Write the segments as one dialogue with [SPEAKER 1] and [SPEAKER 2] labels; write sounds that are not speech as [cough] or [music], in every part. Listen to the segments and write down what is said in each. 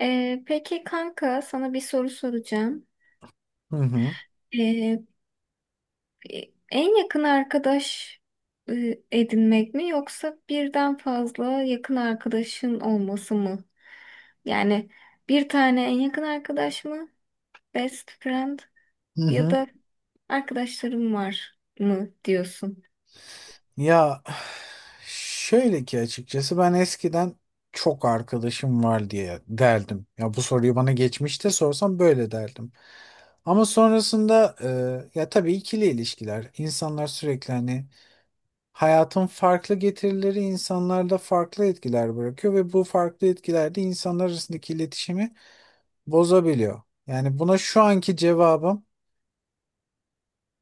[SPEAKER 1] Peki kanka, sana bir soru soracağım.
[SPEAKER 2] Hı hı.
[SPEAKER 1] Ee, En yakın arkadaş edinmek mi, yoksa birden fazla yakın arkadaşın olması mı? Yani bir tane en yakın arkadaş mı? Best friend
[SPEAKER 2] Hı
[SPEAKER 1] ya
[SPEAKER 2] hı.
[SPEAKER 1] da arkadaşlarım var mı diyorsun?
[SPEAKER 2] Ya şöyle ki açıkçası ben eskiden çok arkadaşım var diye derdim. Ya bu soruyu bana geçmişte sorsam böyle derdim. Ama sonrasında ya tabii ikili ilişkiler. İnsanlar sürekli hani hayatın farklı getirileri insanlarda farklı etkiler bırakıyor ve bu farklı etkiler de insanlar arasındaki iletişimi bozabiliyor. Yani buna şu anki cevabım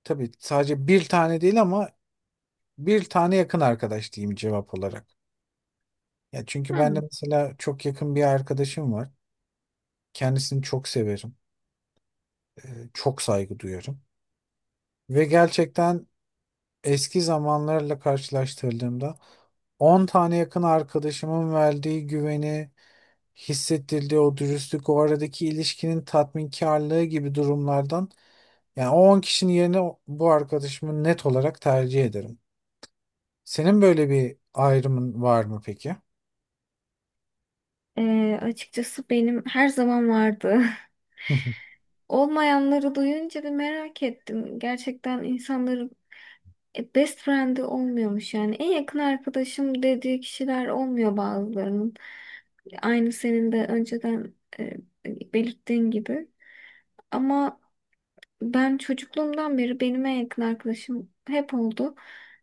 [SPEAKER 2] tabii sadece bir tane değil ama bir tane yakın arkadaş diyeyim cevap olarak. Ya çünkü ben de
[SPEAKER 1] Hmm.
[SPEAKER 2] mesela çok yakın bir arkadaşım var. Kendisini çok severim. Çok saygı duyarım. Ve gerçekten eski zamanlarla karşılaştırdığımda 10 tane yakın arkadaşımın verdiği güveni, hissettirdiği o dürüstlük, o aradaki ilişkinin tatminkarlığı gibi durumlardan yani o 10 kişinin yerine bu arkadaşımı net olarak tercih ederim. Senin böyle bir ayrımın var mı peki?
[SPEAKER 1] Açıkçası benim her zaman vardı. [laughs] Olmayanları duyunca bir merak ettim. Gerçekten insanların, best friend'i olmuyormuş yani. En yakın arkadaşım dediği kişiler olmuyor bazılarının. Aynı senin de önceden e, belirttiğin gibi. Ama ben çocukluğumdan beri benim en yakın arkadaşım hep oldu.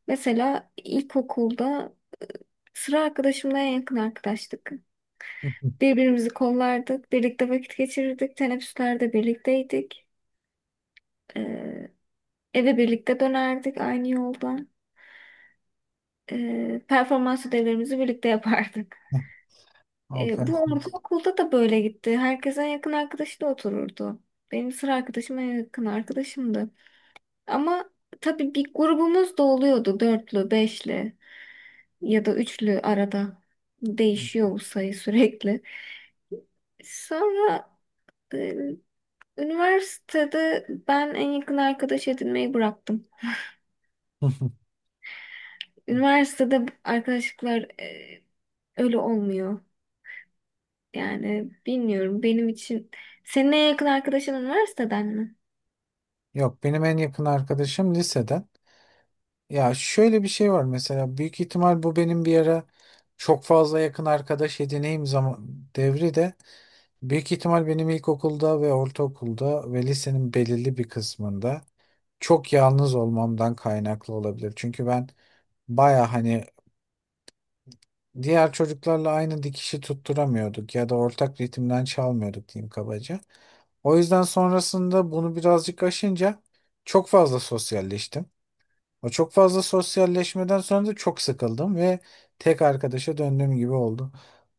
[SPEAKER 1] Mesela ilkokulda sıra arkadaşımla en yakın arkadaştık. Birbirimizi kollardık, birlikte vakit geçirirdik, teneffüslerde birlikteydik. E, Eve birlikte dönerdik aynı yoldan. Performans ödevlerimizi birlikte yapardık.
[SPEAKER 2] [laughs]
[SPEAKER 1] Bu
[SPEAKER 2] Hanımefendi.
[SPEAKER 1] ortaokulda da böyle gitti. Herkes en yakın arkadaşı da otururdu. Benim sıra arkadaşım en yakın arkadaşımdı. Ama tabii bir grubumuz da oluyordu. Dörtlü, beşli ya da üçlü arada. Değişiyor bu sayı sürekli. Sonra e, üniversitede ben en yakın arkadaş edinmeyi bıraktım.
[SPEAKER 2] [laughs]
[SPEAKER 1] Üniversitede arkadaşlıklar öyle olmuyor. Yani bilmiyorum benim için. Senin en yakın arkadaşın üniversiteden mi?
[SPEAKER 2] Yok, benim en yakın arkadaşım liseden. Ya şöyle bir şey var, mesela büyük ihtimal bu benim bir ara çok fazla yakın arkadaş edineyim zaman devri de büyük ihtimal benim ilkokulda ve ortaokulda ve lisenin belirli bir kısmında çok yalnız olmamdan kaynaklı olabilir. Çünkü ben baya hani diğer çocuklarla aynı dikişi tutturamıyorduk ya da ortak ritimden çalmıyorduk diyeyim kabaca. O yüzden sonrasında bunu birazcık aşınca çok fazla sosyalleştim. O çok fazla sosyalleşmeden sonra da çok sıkıldım ve tek arkadaşa döndüğüm gibi oldu.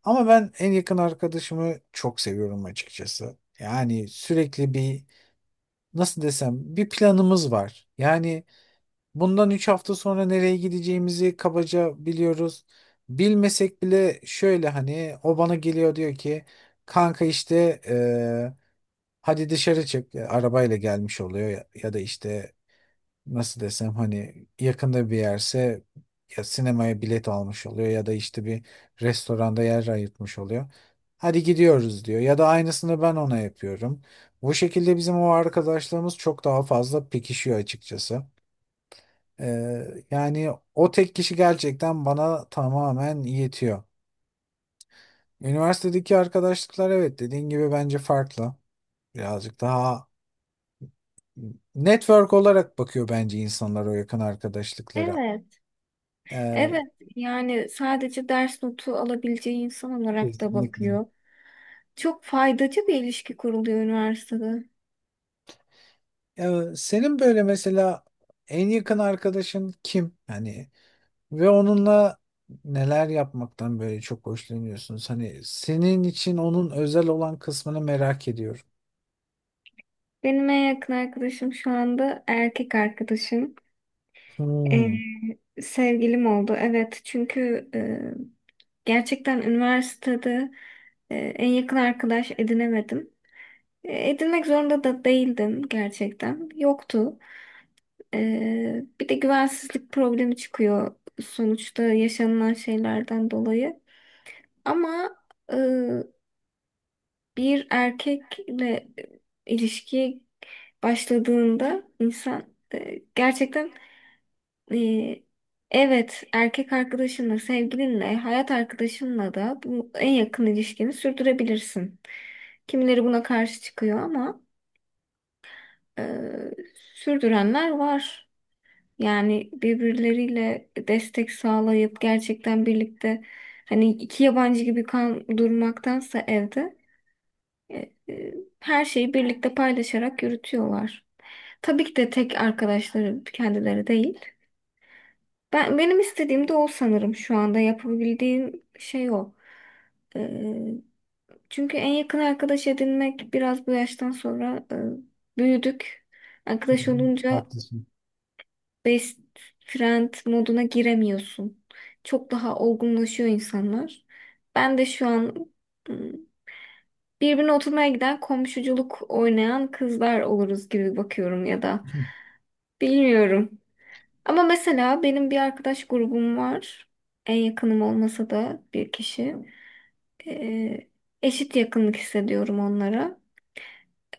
[SPEAKER 2] Ama ben en yakın arkadaşımı çok seviyorum açıkçası. Yani sürekli bir nasıl desem bir planımız var. Yani bundan 3 hafta sonra nereye gideceğimizi kabaca biliyoruz. Bilmesek bile şöyle hani o bana geliyor, diyor ki kanka işte hadi dışarı çık. Arabayla gelmiş oluyor ya, ya da işte nasıl desem hani yakında bir yerse ya sinemaya bilet almış oluyor ya da işte bir restoranda yer ayırtmış oluyor. Hadi gidiyoruz diyor. Ya da aynısını ben ona yapıyorum. Bu şekilde bizim o arkadaşlarımız çok daha fazla pekişiyor açıkçası. Yani o tek kişi gerçekten bana tamamen yetiyor. Üniversitedeki arkadaşlıklar, evet, dediğin gibi bence farklı. Birazcık daha network olarak bakıyor bence insanlar o yakın arkadaşlıklara.
[SPEAKER 1] Evet.
[SPEAKER 2] Ee,
[SPEAKER 1] Evet, yani sadece ders notu alabileceği insan olarak da
[SPEAKER 2] kesinlikle.
[SPEAKER 1] bakıyor. Çok faydacı bir ilişki kuruluyor üniversitede.
[SPEAKER 2] Senin böyle mesela en yakın arkadaşın kim? Hani ve onunla neler yapmaktan böyle çok hoşlanıyorsunuz? Hani senin için onun özel olan kısmını merak ediyorum.
[SPEAKER 1] Benim en yakın arkadaşım şu anda erkek arkadaşım. Ee,
[SPEAKER 2] Hmm.
[SPEAKER 1] Sevgilim oldu. Evet, çünkü gerçekten üniversitede en yakın arkadaş edinemedim. Edinmek zorunda da değildim gerçekten. Yoktu. Bir de güvensizlik problemi çıkıyor sonuçta, yaşanılan şeylerden dolayı. Ama e, bir erkekle ilişkiye başladığında insan, gerçekten, e, evet, erkek arkadaşınla, sevgilinle, hayat arkadaşınla da bu en yakın ilişkini sürdürebilirsin. Kimileri buna karşı çıkıyor ama e, sürdürenler var. Yani birbirleriyle destek sağlayıp gerçekten birlikte, hani iki yabancı gibi kan durmaktansa evde e, e, her şeyi birlikte paylaşarak yürütüyorlar. Tabii ki de tek arkadaşları kendileri değil. Ben benim istediğim de o, sanırım şu anda yapabildiğim şey o. E, Çünkü en yakın arkadaş edinmek biraz bu yaştan sonra, büyüdük.
[SPEAKER 2] Hı
[SPEAKER 1] Arkadaş
[SPEAKER 2] hı.
[SPEAKER 1] olunca
[SPEAKER 2] Haklısın.
[SPEAKER 1] best friend moduna giremiyorsun. Çok daha olgunlaşıyor insanlar. Ben de şu an hmm, birbirine oturmaya giden, komşuculuk oynayan kızlar oluruz gibi bakıyorum, ya da bilmiyorum. Ama mesela benim bir arkadaş grubum var. En yakınım olmasa da bir kişi. Ee, Eşit yakınlık hissediyorum onlara.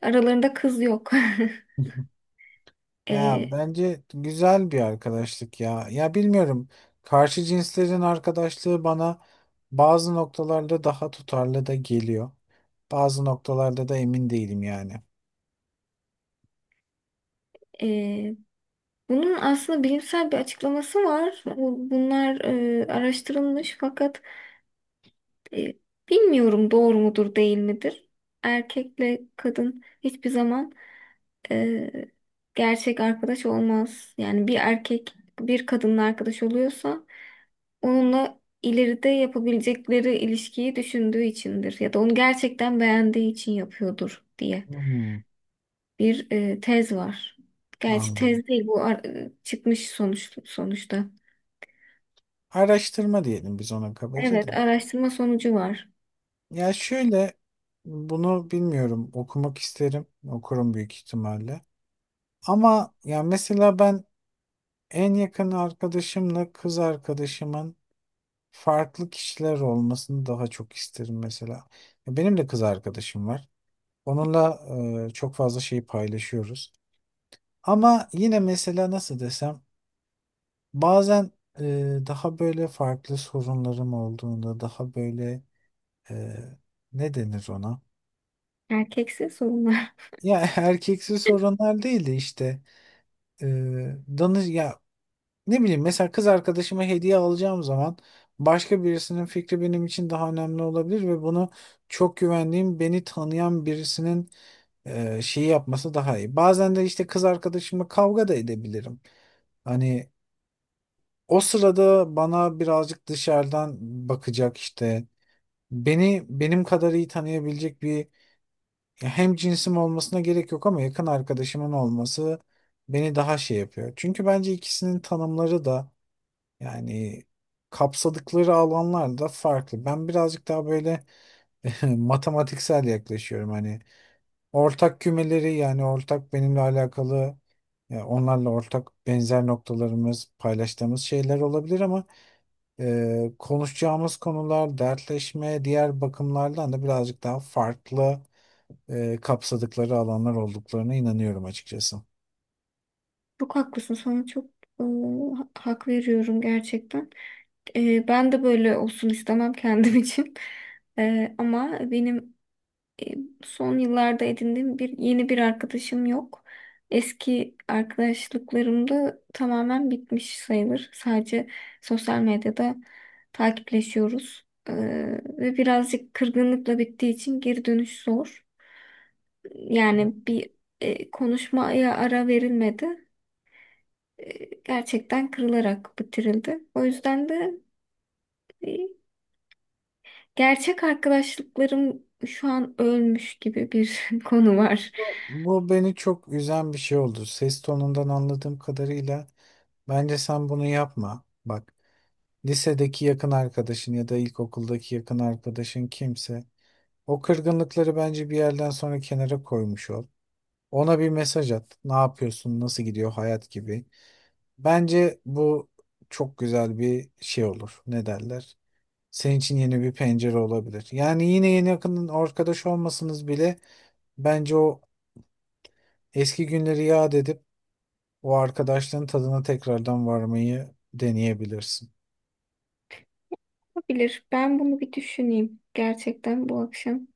[SPEAKER 1] Aralarında kız yok. [laughs]
[SPEAKER 2] [laughs] Ya
[SPEAKER 1] Ee,
[SPEAKER 2] bence güzel bir arkadaşlık ya. Ya bilmiyorum. Karşı cinslerin arkadaşlığı bana bazı noktalarda daha tutarlı da geliyor. Bazı noktalarda da emin değilim yani.
[SPEAKER 1] e, Bunun aslında bilimsel bir açıklaması var. Bunlar araştırılmış, fakat e, bilmiyorum, doğru mudur değil midir? Erkekle kadın hiçbir zaman e, gerçek arkadaş olmaz. Yani bir erkek bir kadınla arkadaş oluyorsa onunla ileride yapabilecekleri ilişkiyi düşündüğü içindir, ya da onu gerçekten beğendiği için yapıyordur diye
[SPEAKER 2] Hmm,
[SPEAKER 1] bir tez var. Gerçi
[SPEAKER 2] anladım.
[SPEAKER 1] tez değil bu, çıkmış sonuç sonuçta.
[SPEAKER 2] Araştırma diyelim biz ona kabaca da.
[SPEAKER 1] Evet, araştırma sonucu var.
[SPEAKER 2] Ya şöyle, bunu bilmiyorum, okumak isterim. Okurum büyük ihtimalle. Ama ya mesela ben en yakın arkadaşımla kız arkadaşımın farklı kişiler olmasını daha çok isterim mesela. Ya benim de kız arkadaşım var. Onunla çok fazla şey paylaşıyoruz. Ama yine mesela nasıl desem bazen e, daha böyle farklı sorunlarım olduğunda daha böyle e, ne denir ona?
[SPEAKER 1] Erkekse sorunlar.
[SPEAKER 2] Ya [laughs] erkeksi sorunlar değil de işte e, danış ya. Ne bileyim, mesela kız arkadaşıma hediye alacağım zaman başka birisinin fikri benim için daha önemli olabilir ve bunu çok güvendiğim beni tanıyan birisinin şeyi yapması daha iyi. Bazen de işte kız arkadaşımla kavga da edebilirim. Hani o sırada bana birazcık dışarıdan bakacak, işte beni benim kadar iyi tanıyabilecek bir, hem cinsim olmasına gerek yok ama yakın arkadaşımın olması beni daha şey yapıyor. Çünkü bence ikisinin tanımları da, yani kapsadıkları alanlar da farklı. Ben birazcık daha böyle [laughs] matematiksel yaklaşıyorum. Hani ortak kümeleri, yani ortak benimle alakalı onlarla ortak benzer noktalarımız, paylaştığımız şeyler olabilir ama konuşacağımız konular, dertleşme, diğer bakımlardan da birazcık daha farklı kapsadıkları alanlar olduklarına inanıyorum açıkçası.
[SPEAKER 1] [laughs] Çok haklısın. Sana çok e, hak veriyorum gerçekten. Ben de böyle olsun istemem [laughs] kendim için. Ama benim e, son yıllarda edindiğim yeni bir arkadaşım yok. Eski arkadaşlıklarım da tamamen bitmiş sayılır. Sadece sosyal medyada takipleşiyoruz. Ve birazcık kırgınlıkla bittiği için geri dönüş zor. Yani bir, konuşmaya ara verilmedi. Gerçekten kırılarak bitirildi. O yüzden de e, gerçek arkadaşlıklarım şu an ölmüş gibi bir [laughs] konu var.
[SPEAKER 2] Bu beni çok üzen bir şey oldu. Ses tonundan anladığım kadarıyla bence sen bunu yapma. Bak, lisedeki yakın arkadaşın ya da ilkokuldaki yakın arkadaşın kimse o kırgınlıkları bence bir yerden sonra kenara koymuş ol. Ona bir mesaj at. Ne yapıyorsun? Nasıl gidiyor hayat, gibi. Bence bu çok güzel bir şey olur. Ne derler? Senin için yeni bir pencere olabilir. Yani yine yeni yakın arkadaş olmasanız bile bence o eski günleri yad edip o arkadaşlığın tadına tekrardan varmayı deneyebilirsin.
[SPEAKER 1] Olabilir. Ben bunu bir düşüneyim gerçekten bu akşam.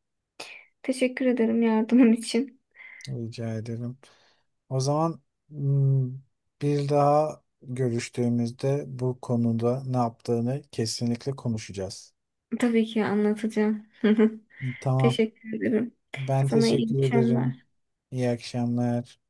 [SPEAKER 1] Teşekkür ederim yardımın için.
[SPEAKER 2] Rica ederim. O zaman hmm, bir daha görüştüğümüzde bu konuda ne yaptığını kesinlikle konuşacağız.
[SPEAKER 1] Tabii ki anlatacağım. [laughs]
[SPEAKER 2] Tamam.
[SPEAKER 1] Teşekkür ederim.
[SPEAKER 2] Ben
[SPEAKER 1] Sana iyi
[SPEAKER 2] teşekkür ederim.
[SPEAKER 1] akşamlar.
[SPEAKER 2] İyi akşamlar.